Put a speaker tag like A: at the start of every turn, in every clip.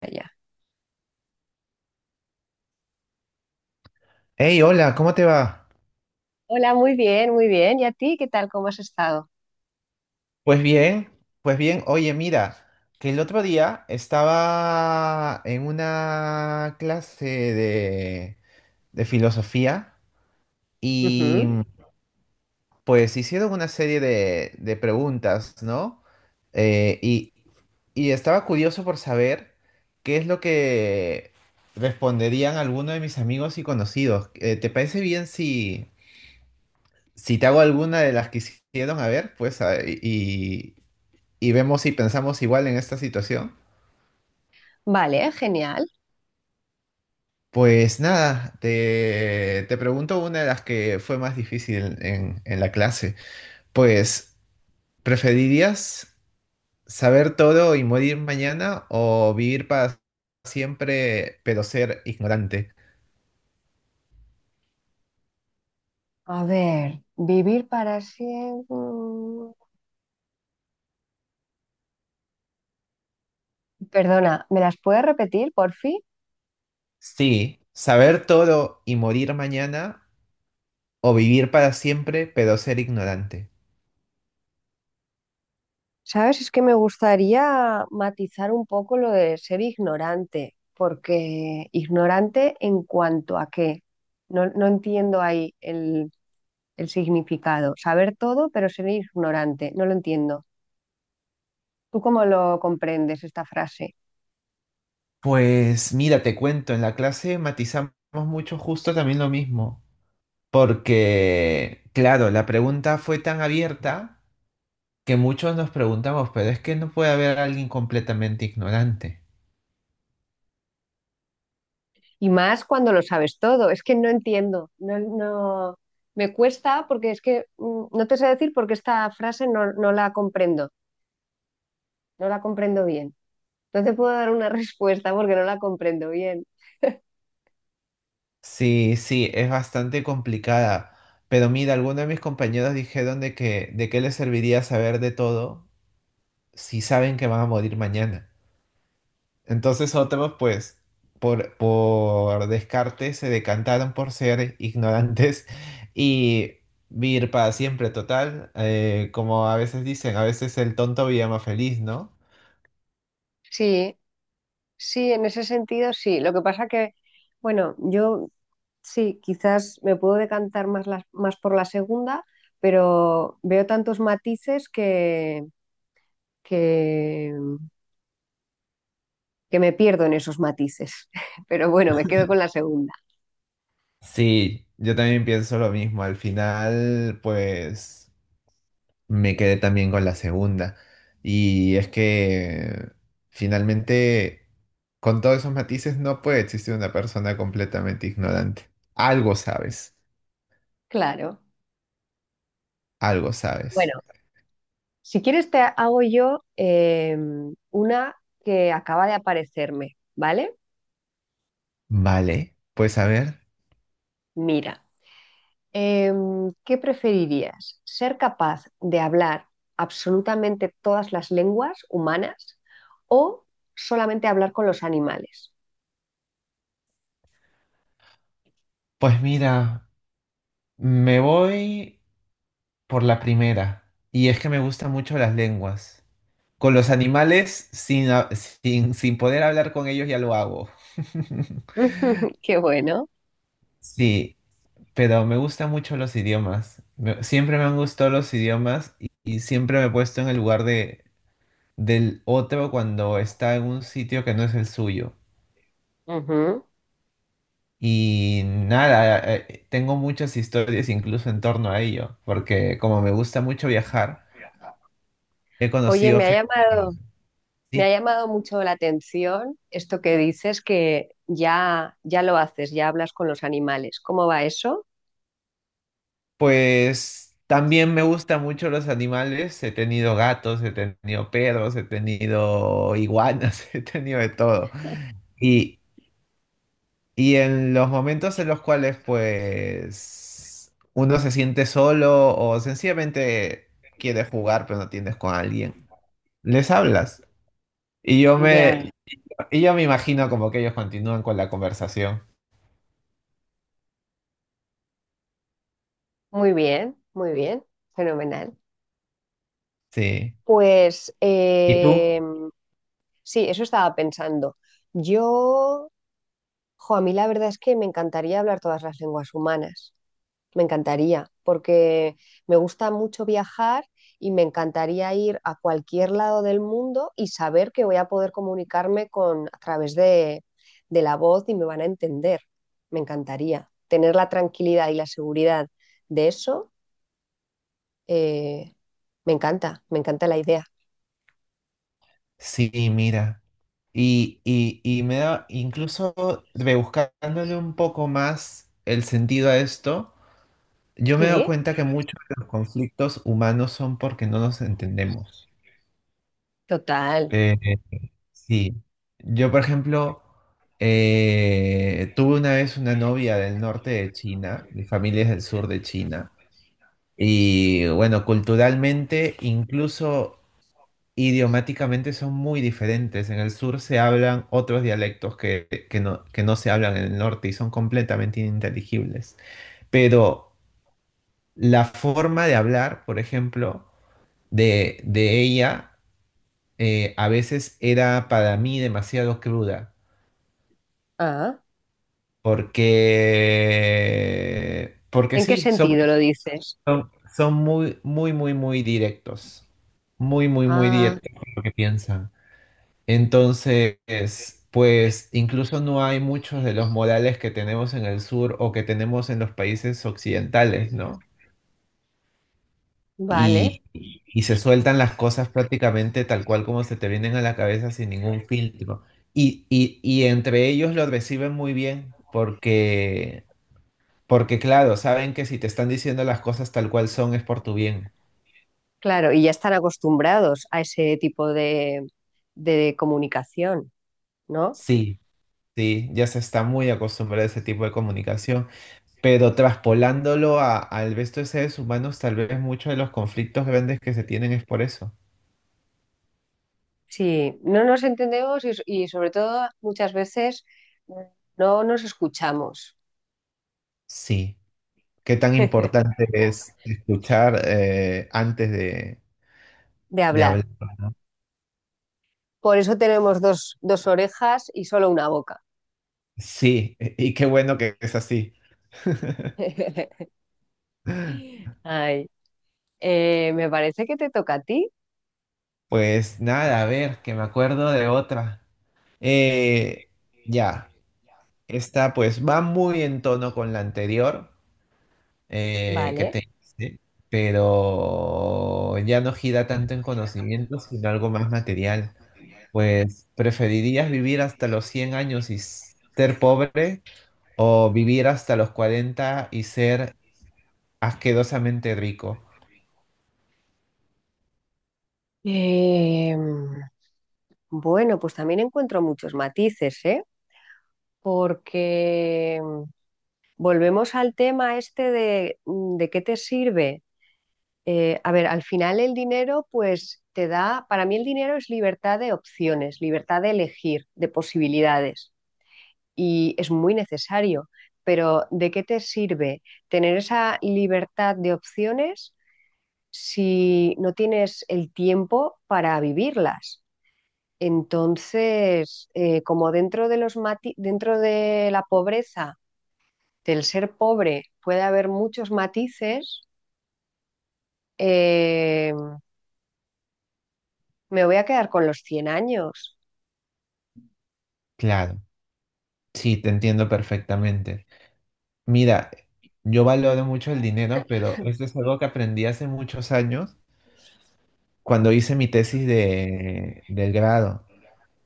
A: Allá.
B: Hey, hola, ¿cómo te va?
A: Hola, muy bien, muy bien. ¿Y a ti qué tal? ¿Cómo has estado?
B: Pues bien, pues bien. Oye, mira, que el otro día estaba en una clase de filosofía y
A: Ujú.
B: pues hicieron una serie de preguntas, ¿no? Eh, y, y estaba curioso por saber qué es lo que responderían algunos de mis amigos y conocidos. ¿Te parece bien si te hago alguna de las que hicieron? A ver, pues, y vemos si pensamos igual en esta situación.
A: Vale, genial.
B: Pues nada, te pregunto una de las que fue más difícil en la clase. Pues, ¿preferirías saber todo y morir mañana o vivir para siempre pero ser ignorante?
A: A ver, vivir para siempre. Perdona, ¿me las puedes repetir, por fin?
B: Sí, saber todo y morir mañana o vivir para siempre pero ser ignorante.
A: Sabes, es que me gustaría matizar un poco lo de ser ignorante, porque ignorante en cuanto a qué. No, no entiendo ahí el significado. Saber todo, pero ser ignorante. No lo entiendo. ¿Tú cómo lo comprendes esta frase?
B: Pues mira, te cuento, en la clase matizamos mucho justo también lo mismo. Porque, claro, la pregunta fue tan abierta que muchos nos preguntamos, pero es que no puede haber alguien completamente ignorante.
A: Y más cuando lo sabes todo. Es que no entiendo. No, no, me cuesta porque es que no te sé decir porque esta frase no la comprendo. No la comprendo bien. No te puedo dar una respuesta porque no la comprendo bien.
B: Sí, sí, es bastante complicada. Pero mira, algunos de mis compañeros dijeron de que, ¿de qué les serviría saber de todo si saben que van a morir mañana? Entonces otros, pues, por descarte se decantaron por ser ignorantes y vivir para siempre, total. Eh, como a veces dicen, a veces el tonto vive más feliz, ¿no?
A: Sí, sí, en ese sentido sí. Lo que pasa que, bueno, yo sí, quizás me puedo decantar más, más por la segunda, pero veo tantos matices que, que me pierdo en esos matices. Pero bueno, me quedo con la segunda.
B: Sí, yo también pienso lo mismo. Al final, pues, me quedé también con la segunda. Y es que finalmente, con todos esos matices, no puede existir una persona completamente ignorante. Algo sabes,
A: Claro.
B: algo
A: Bueno,
B: sabes.
A: si quieres te hago yo una que acaba de aparecerme, ¿vale?
B: Vale, pues a ver.
A: Mira, ¿qué preferirías? ¿Ser capaz de hablar absolutamente todas las lenguas humanas o solamente hablar con los animales?
B: Pues mira, me voy por la primera. Y es que me gustan mucho las lenguas. Con los animales, sin, ha- sin, sin poder hablar con ellos, ya lo hago.
A: Qué bueno.
B: Sí, pero me gustan mucho los idiomas. Me- siempre me han gustado los idiomas y siempre me he puesto en el lugar de, del otro cuando está en un sitio que no es el suyo.
A: Ujú.
B: Y nada, tengo muchas historias incluso en torno a ello, porque como me gusta mucho viajar, he
A: Oye,
B: conocido gente.
A: me ha
B: Sí,
A: llamado mucho la atención esto que dices que ya lo haces, ya hablas con los animales. ¿Cómo va eso?
B: pues también me gustan mucho los animales. He tenido gatos, he tenido perros, he tenido iguanas, he tenido de todo. Y, y en los momentos en los cuales pues uno se siente solo o sencillamente quiere jugar pero no tienes con alguien, les hablas. Y yo
A: Ya.
B: me, Y yo me imagino como que ellos continúan con la conversación.
A: Muy bien, fenomenal.
B: Sí.
A: Pues
B: ¿Y tú?
A: sí, eso estaba pensando. Yo, jo, a mí la verdad es que me encantaría hablar todas las lenguas humanas. Me encantaría, porque me gusta mucho viajar y me encantaría ir a cualquier lado del mundo y saber que voy a poder comunicarme con a través de la voz y me van a entender. Me encantaría tener la tranquilidad y la seguridad de eso. Eh, me encanta la idea.
B: Sí, mira. Y me da, incluso rebuscándole un poco más el sentido a esto, yo me he dado
A: Sí,
B: cuenta que muchos de los conflictos humanos son porque no nos entendemos.
A: total.
B: Eh, sí. Yo, por ejemplo, tuve una vez una novia del norte de China, mi familia es del sur de China, y bueno, culturalmente, incluso idiomáticamente son muy diferentes. En el sur se hablan otros dialectos que no se hablan en el norte y son completamente ininteligibles. Pero la forma de hablar, por ejemplo, de ella, a veces era para mí demasiado cruda,
A: Ah,
B: porque
A: ¿en qué
B: sí, son,
A: sentido lo dices?
B: son, son muy, muy, muy, muy directos. Muy, muy, muy
A: Ah,
B: directos con lo que piensan. Entonces, pues incluso no hay muchos de los modales que tenemos en el sur o que tenemos en los países occidentales, ¿no?
A: vale,
B: Y, y se sueltan las cosas prácticamente tal cual como se te vienen a la cabeza sin ningún filtro. Y entre ellos lo reciben muy bien porque claro, saben que si te están diciendo las cosas tal cual son es por tu bien.
A: claro, y ya están acostumbrados a ese tipo de comunicación, ¿no?
B: Sí, sí, ya se está muy acostumbrado a ese tipo de comunicación. Pero traspolándolo a- al resto de seres humanos, tal vez muchos de los conflictos grandes que se tienen es por eso.
A: Sí, no nos entendemos y sobre todo muchas veces no nos escuchamos
B: Sí. Qué tan importante es escuchar antes
A: de
B: de hablar.
A: hablar. Por eso tenemos dos, dos orejas y solo una boca.
B: Sí, e, y qué bueno que es así.
A: Ay, me parece que te toca a ti,
B: Pues nada, a ver, que me acuerdo de otra. Eh, ya, esta pues va muy en tono con la anterior que
A: ¿vale?
B: te hice, pero ya no gira tanto en conocimiento, sino algo más material. Pues, ¿preferirías vivir hasta los 100 años y s- ser pobre o vivir hasta los 40 y ser asquerosamente rico?
A: Eh, bueno, pues también encuentro muchos matices, ¿eh? Porque volvemos al tema este de qué te sirve. A ver, al final el dinero, pues te da, para mí el dinero es libertad de opciones, libertad de elegir, de posibilidades, y es muy necesario. Pero ¿de qué te sirve tener esa libertad de opciones si no tienes el tiempo para vivirlas? Entonces, como dentro de la pobreza, del ser pobre, puede haber muchos matices, eh, me voy a quedar con los 100 años.
B: Claro, sí, te entiendo perfectamente. Mira, yo valoro mucho el dinero, pero esto es algo que aprendí hace muchos años cuando hice mi tesis de, del grado.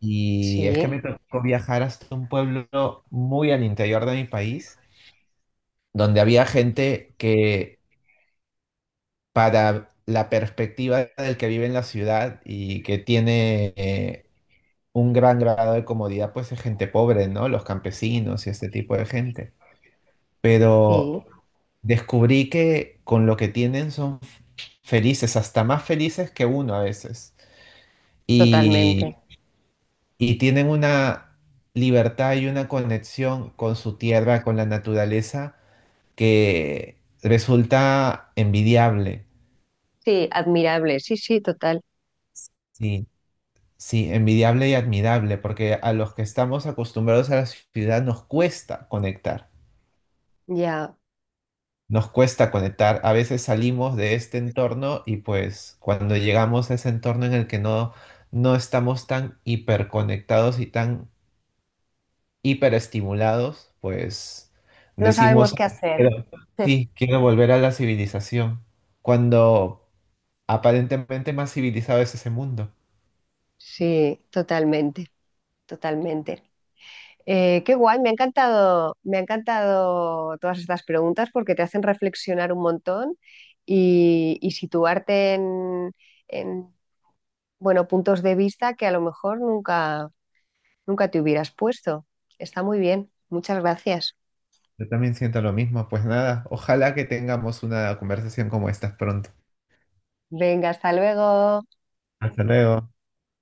B: Y es que me
A: Sí,
B: tocó viajar hasta un pueblo muy al interior de mi país, donde había gente que para la perspectiva del que vive en la ciudad y que tiene un gran grado de comodidad, pues es gente pobre, ¿no? Los campesinos y este tipo de gente. Pero
A: sí,
B: descubrí que con lo que tienen son felices, hasta más felices que uno a veces. Y,
A: totalmente.
B: y tienen una libertad y una conexión con su tierra, con la naturaleza, que resulta envidiable.
A: Sí, admirable, sí, sí, total.
B: Sí. Sí, envidiable y admirable, porque a los que estamos acostumbrados a la ciudad nos cuesta conectar,
A: Ya,
B: nos cuesta conectar. A veces salimos de este entorno y pues cuando llegamos a ese entorno en el que no estamos tan hiperconectados y tan hiperestimulados, pues
A: no sabemos
B: decimos,
A: qué hacer.
B: "Quiero- sí, quiero volver a la civilización, cuando aparentemente más civilizado es ese mundo.
A: Sí, totalmente, totalmente. Qué guay, me ha encantado todas estas preguntas porque te hacen reflexionar un montón y situarte en, bueno, puntos de vista que a lo mejor nunca, nunca te hubieras puesto. Está muy bien, muchas gracias.
B: Yo también siento lo mismo. Pues nada, ojalá que tengamos una conversación como esta pronto.
A: Venga, hasta luego.
B: Hasta luego.